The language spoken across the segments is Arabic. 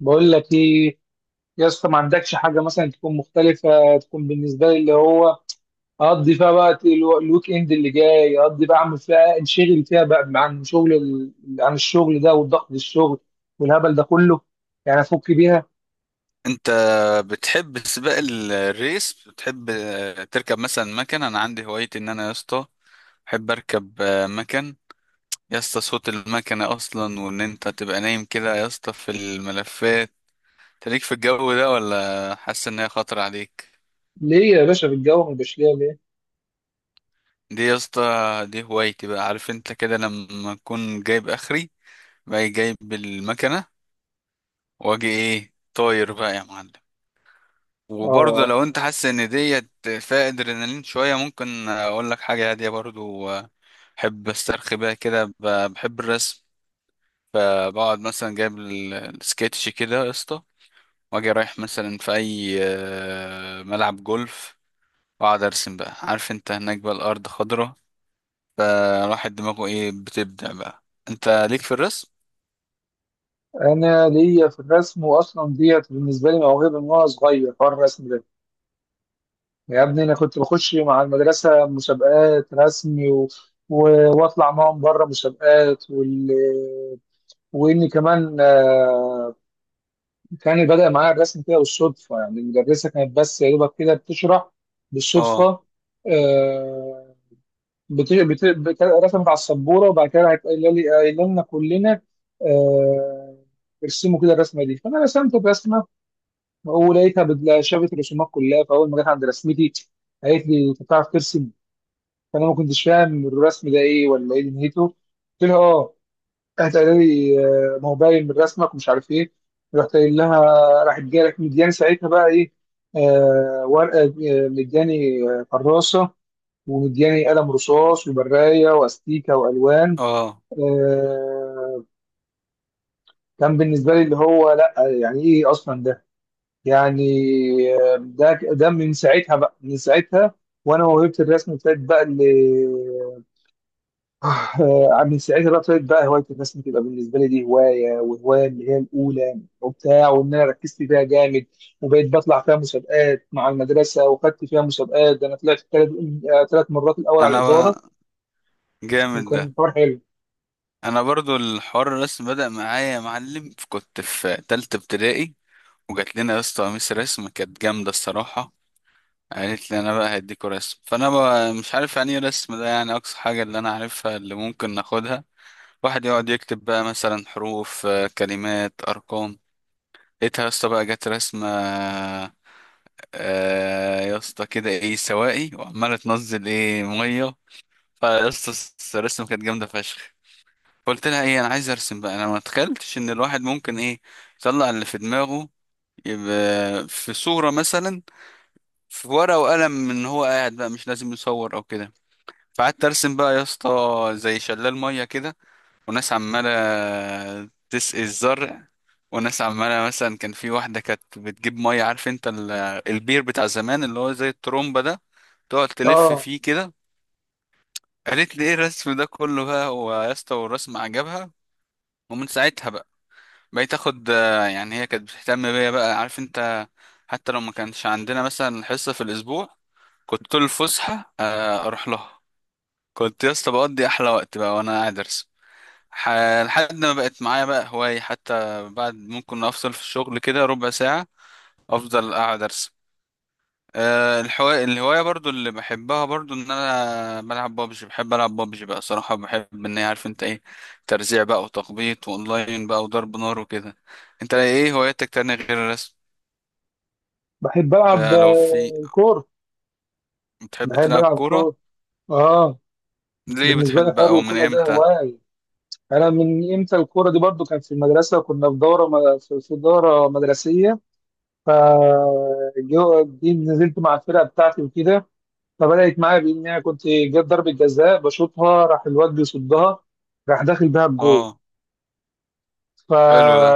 بقول لك ايه يا اسطى، ما عندكش حاجه مثلا تكون مختلفه، تكون بالنسبه لي اللي هو اقضي فيها وقت الويك اند اللي جاي، اقضي بقى، اعمل فيها، انشغل فيها بقى عن عن الشغل ده والضغط الشغل والهبل ده كله، يعني افك بيها. انت بتحب سباق الريس؟ بتحب تركب مثلا مكنه؟ انا عندي هوايتي ان انا يا اسطى بحب اركب مكن. يا اسطى صوت المكنه اصلا وان انت تبقى نايم كده يا اسطى في الملفات تليك في الجو ده ولا حاسس ان هي خطر عليك. ليه يا باشا؟ في الجو ما يبقاش ليا ليه؟ دي يا اسطى دي هوايتي بقى. عارف انت كده لما اكون جايب اخري باجي جايب المكنه واجي ايه طاير بقى يا معلم. وبرضه اه، لو انت حاسس ان ديت فيها ادرينالين شويه ممكن اقول لك حاجه هاديه برضه. بحب استرخي بيها كده بحب الرسم. فبقعد مثلا جايب السكتش كده يا اسطى واجي رايح مثلا في اي ملعب جولف واقعد ارسم بقى. عارف انت هناك بقى الارض خضره فالواحد دماغه ايه بتبدع بقى. انت ليك في الرسم؟ انا ليا في الرسم، واصلا ديت بالنسبه لي موهبه من وانا صغير حوار الرسم ده. يا ابني انا كنت بخش مع المدرسه مسابقات رسمي و... واطلع معاهم بره مسابقات واني كمان، كان بدأ معايا الرسم كده بالصدفه. يعني المدرسه كانت بس يا دوبك كده بتشرح اه، بالصدفه، آه، رسمت على السبوره، وبعد كده راحت قايله لي، قايله لنا كلنا، آه، ارسموا كده الرسمه دي، فانا رسمت الرسمه، ولقيتها شافت الرسومات كلها، فاول ما جت عند رسمتي قالت لي انت بتعرف ترسم؟ فانا ما كنتش فاهم الرسم ده ايه ولا ايه دنيته، قلت لها اه. قالت، قال لي آه، ما هو باين من رسمك، ومش عارف ايه. رحت قايل لها، راحت جايه لك مدياني ساعتها بقى ايه؟ آه، ورقه، مدياني كراسه، ومدياني قلم رصاص وبرايه واستيكه والوان. اه. آه، كان بالنسبه لي اللي هو لا، يعني ايه اصلا ده يعني؟ ده من ساعتها بقى. من ساعتها وانا موهبه الرسم ابتدت بقى اللي آه، من ساعتها بقى ابتدت بقى هوايه الرسم، تبقى بالنسبه لي دي هوايه، وهوايه اللي هي الاولى وبتاع، وان انا ركزت فيها جامد، وبقيت بطلع فيها مسابقات مع المدرسه، وخدت فيها مسابقات. ده انا طلعت ثلاث مرات الاول على انا الاداره. بقى جامد ده. كان حوار حلو. انا برضو الحوار الرسم بدأ معايا يا معلم كنت في تالتة ابتدائي. وجات لنا يا اسطى قميص رسم كانت جامدة الصراحة. قالت لي انا بقى هديكوا رسم. فانا بقى مش عارف يعني ايه رسم ده. يعني اقصى حاجة اللي انا عارفها اللي ممكن ناخدها واحد يقعد يكتب بقى مثلا حروف كلمات ارقام. لقيتها يا اسطى بقى جت رسمة يا اسطى كده ايه سوائي وعمالة تنزل ايه مية. فيا اسطى الرسمة كانت جامدة فشخ. فقلت لها ايه انا عايز ارسم بقى. انا ما تخيلتش ان الواحد ممكن ايه يطلع اللي في دماغه يبقى في صورة مثلا في ورقة وقلم من هو قاعد بقى مش لازم يصور او كده. فقعدت ارسم بقى يا اسطى زي شلال ميه كده وناس عماله تسقي الزرع وناس عماله مثلا كان في واحده كانت بتجيب ميه. عارف انت البير بتاع زمان اللي هو زي الترومبه ده تقعد تلف اه، فيه كده. قالت لي ايه الرسم ده كله بقى هو يا اسطى والرسم عجبها. ومن ساعتها بقى بقيت اخد يعني هي كانت بتهتم بيا بقى. عارف انت حتى لو ما كانش عندنا مثلا حصه في الاسبوع كنت طول الفسحة أروح لها. كنت يا اسطى بقضي أحلى وقت بقى وأنا قاعد أرسم. ح- لحد ما بقت معايا بقى هواية حتى بعد ممكن أفصل في الشغل كده ربع ساعة أفضل قاعد أرسم. الهواية برضو اللي بحبها برضو إن أنا بلعب بابجي. بحب ألعب بابجي بقى صراحة. بحب إن هي عارف أنت إيه ترزيع بقى وتخبيط وأونلاين بقى وضرب نار وكده. أنت إيه هواياتك تانية غير الرسم؟ بحب العب لو في كوره، بتحب بحب تلعب العب كورة؟ كوره. اه، ليه بالنسبه لي بتحب حوار أو من الكوره ده إمتى؟ هوايه. انا من امتى الكوره دي؟ برضو كانت في المدرسه، وكنا في دوره، في دوره مدرسيه، فجو جيت نزلت مع الفرقه بتاعتي وكده. فبدات معايا بان انا كنت جت ضربه جزاء بشوطها، راح الواد بيصدها، راح داخل بيها الجول. آه، ف حلو ده.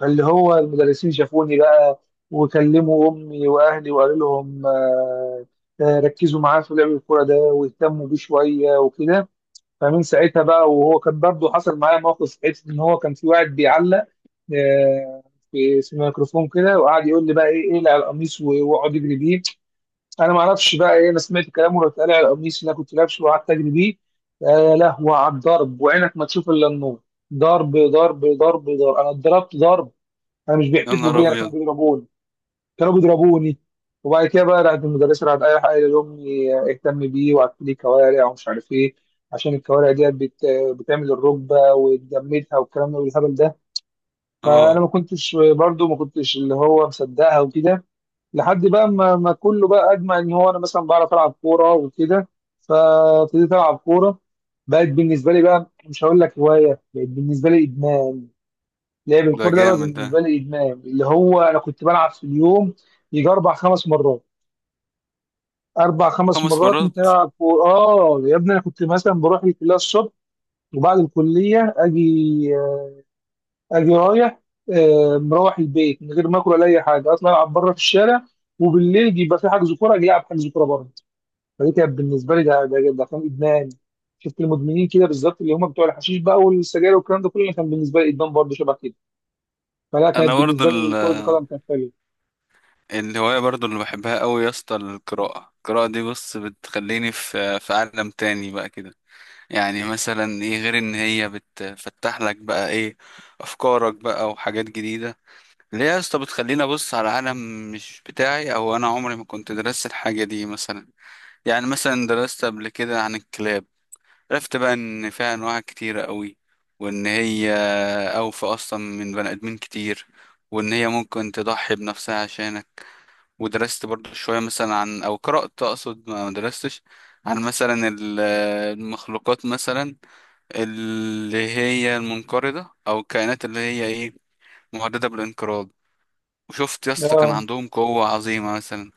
فاللي هو المدرسين شافوني بقى، وكلموا امي واهلي وقالوا لهم، ركزوا معاه في لعب الكوره ده، واهتموا بيه شويه وكده. فمن ساعتها بقى. وهو كان برضه حصل معايا موقف ساعتها، ان هو كان في واحد بيعلق آه، في الميكروفون كده، وقعد يقول لي بقى ايه اقلع القميص واقعد اجري بيه. انا ما اعرفش بقى ايه، انا سمعت كلامه رحت قالع القميص اللي انا كنت لابسه وقعدت اجري بيه. يا لهوي على الضرب، وعينك ما تشوف الا النور، ضرب ضرب ضرب ضرب، انا اتضربت ضرب. انا مش يا بيحتفلوا نهار بيا، انا كانوا ابيض. بيضربوني، كانوا بيضربوني. وبعد كده بقى راحت المدرسه راحت اي حاجه لامي، اهتم بيه، وقعدت لي كوارع ومش عارف ايه، عشان الكوارع ديت بتعمل الركبه وتجمدها، والكلام ده والهبل ده. فانا ما اه، كنتش برضو ما كنتش اللي هو مصدقها وكده، لحد بقى ما كله بقى اجمع ان هو انا مثلا بعرف العب كوره وكده. فابتديت العب كوره، بقت بالنسبه لي بقى مش هقول لك هوايه، بقت بالنسبه لي ادمان. لعب ده الكوره ده بقى جامد ده. بالنسبه لي ادمان، اللي هو انا كنت بلعب في اليوم يجي اربع خمس مرات. اربع خمس خمس مرات مرات ممكن العب كوره. اه يا ابني، انا كنت مثلا بروح الكليه الصبح، وبعد الكليه اجي، اجي رايح، مروح البيت من غير ما اكل ولا اي حاجه، اطلع العب بره في الشارع، وبالليل يبقى في حجز كوره اجي العب حجز كوره بره. فدي كانت بالنسبه لي، ده كان ادمان. شفت المدمنين كده بالظبط اللي هم بتوع الحشيش بقى والسجاير والكلام ده كله، كان بالنسبه لي ادمان برضه شبه كده. فلا، كانت انا برضه بالنسبه لي كره القدم كانت حلوه. الهوايه برضه اللي بحبها قوي يا اسطى القراءه. القراءه دي بص بتخليني في عالم تاني بقى كده. يعني مثلا ايه غير ان هي بتفتح لك بقى ايه افكارك بقى وحاجات جديده. اللي هي يا اسطى بتخليني ابص على عالم مش بتاعي او انا عمري ما كنت درست الحاجه دي مثلا. يعني مثلا درست قبل كده عن الكلاب. عرفت بقى ان فيها انواع كتيرة قوي وان هي اوفى اصلا من بني ادمين كتير وان هي ممكن تضحي بنفسها عشانك. ودرست برضو شوية مثلا عن او قرأت اقصد ما درستش. عن مثلا المخلوقات مثلا اللي هي المنقرضة او الكائنات اللي هي ايه مهددة بالانقراض. وشفت يا اسطى كان اه. عندهم قوة عظيمة مثلا.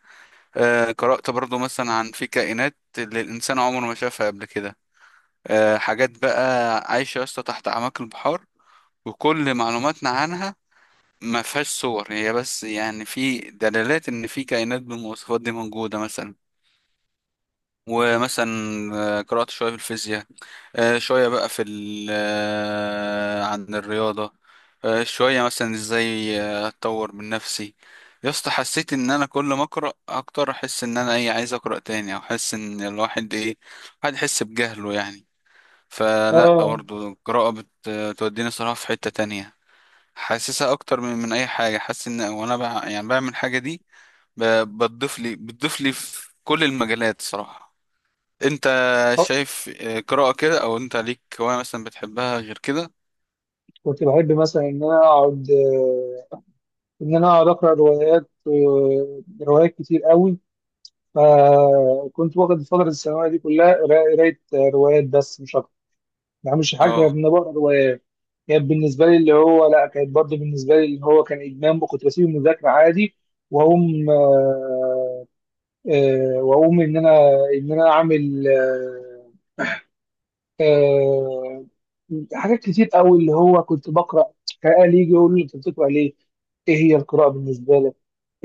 قرأت برضو مثلا عن في كائنات اللي الانسان عمره ما شافها قبل كده. حاجات بقى عايشة يا اسطى تحت أعماق البحار. وكل معلوماتنا عنها ما فيهاش صور هي بس. يعني في دلالات إن في كائنات بالمواصفات دي موجودة مثلا. ومثلا قرأت شوية في الفيزياء. شوية بقى في ال آه، عن الرياضة. شوية مثلا إزاي أتطور من نفسي. يا اسطى حسيت إن أنا كل ما أقرأ أكتر أحس إن أنا إيه عايز أقرأ تاني. أو أحس إن الواحد إيه الواحد يحس بجهله يعني. فلا اه. برضه القراءة بتوديني صراحة في حتة تانية. حاسسها أكتر من أي حاجة. حاسس إن وأنا يعني بعمل الحاجة دي بتضيف لي في كل المجالات صراحة. أنت آه. شايف قراءة كده أو أنت ليك هواية مثلا بتحبها غير كده؟ كنت بحب مثلا ان انا اقعد، ان انا اقعد اقرا روايات، روايات كتير قوي. فكنت واخد الفتره الثانويه دي كلها قرايه، روايات بس مش اكتر، ما بعملش حاجه غير اه، ان أنا بقرا روايات. كانت بالنسبه لي اللي هو لا، كانت برضه بالنسبه لي اللي هو كان ادمان، وكنت بسيب المذاكره عادي، واقوم آه، آه، واقوم ان انا، ان انا اعمل، آه، حاجات كتير قوي اللي هو كنت بقرا. كان يجي يقول لي انت بتقرا ليه؟ ايه هي القراءه بالنسبه لك؟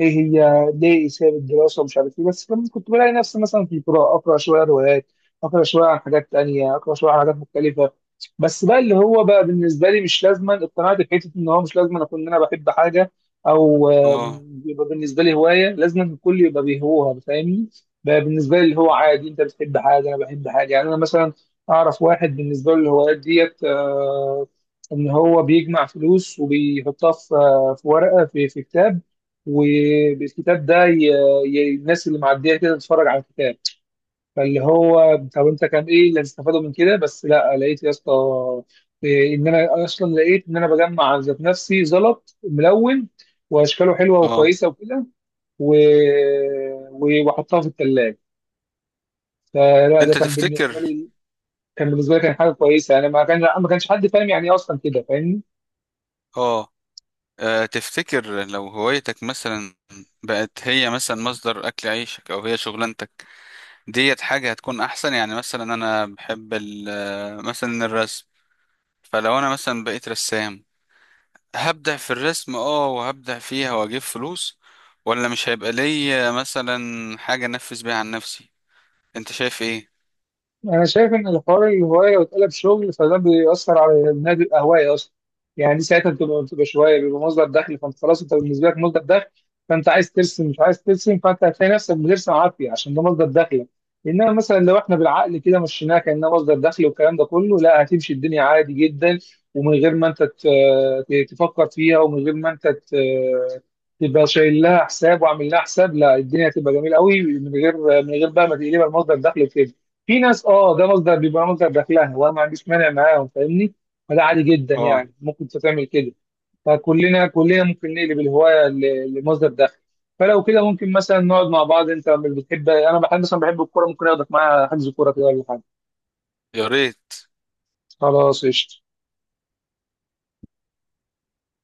ايه هي ليه ساب الدراسه ومش عارف ايه؟ بس لما كنت بلاقي نفسي مثلا في القراءه، اقرا شويه روايات، اقرا شويه عن حاجات تانية، اقرا شويه عن حاجات مختلفه. بس بقى اللي هو بقى بالنسبه لي مش لازما، اقتنعت بحته ان هو مش لازما اكون انا بحب حاجه، او آه، اه، يبقى بالنسبه لي هوايه لازما الكل يبقى بيهوها، فاهمني؟ بقى بالنسبه لي اللي هو عادي، انت بتحب حاجه، انا بحب حاجه، يعني انا مثلا اعرف واحد بالنسبه له الهوايات ديت، ان هو بيجمع فلوس وبيحطها في في ورقه، في كتاب. وبالكتاب ده الناس اللي معديه كده تتفرج على الكتاب. فاللي هو طب انت كان ايه اللي هتستفاده من كده؟ بس لا، لقيت يا اسطى، ان انا اصلا لقيت ان انا بجمع ذات نفسي زلط ملون، واشكاله حلوه اه. وكويسه وكده، و... واحطها في الثلاجه. فلا ده أنت كان تفتكر؟ بالنسبه لي، كان بالنسبه لي، كان حاجه كويسه، يعني ما كان، ما كانش حد فاهم يعني ايه اصلا كده، فاهمني؟ اه. تفتكر لو هوايتك مثلا بقت هي مثلا مصدر أكل عيشك أو هي شغلانتك ديت حاجة هتكون أحسن. يعني مثلا أنا بحب مثلا الرسم فلو أنا مثلا بقيت رسام هبدع في الرسم اه وهبدع فيها وأجيب فلوس. ولا مش هيبقى ليا مثلا حاجة أنفذ بيها عن نفسي. أنت شايف إيه؟ انا شايف ان الحوار الهوايه لو اتقلب شغل، فده بيأثر على النادي الهوايه اصلا. يعني دي ساعتها بتبقى شويه بيبقى مصدر دخل، فانت خلاص انت بالنسبه لك مصدر دخل، فانت عايز ترسم مش عايز ترسم، فانت هتلاقي نفسك بترسم عافيه عشان ده مصدر دخلك. انما مثلا لو احنا بالعقل كده مشيناها كانها مصدر دخل والكلام ده كله، لا هتمشي الدنيا عادي جدا، ومن غير ما انت تفكر فيها، ومن غير ما انت تبقى شايل لها حساب وعامل لها حساب، لا الدنيا هتبقى جميله قوي، من غير، من غير، بقى ما تقلبها لمصدر دخل وكده. في ناس اه ده بيبقى مصدر دخلها، وانا ما عنديش مانع معاهم، فاهمني؟ فده عادي جدا، اه. يعني ممكن تعمل كده. فكلنا ممكن نقلب الهوايه لمصدر دخل. فلو كده ممكن مثلا نقعد مع بعض، انت مش بتحب، انا بحب مثلا، بحب الكوره، ممكن اخدك معايا حجز كوره كده ولا حاجه. يا ريت. خلاص قشطه.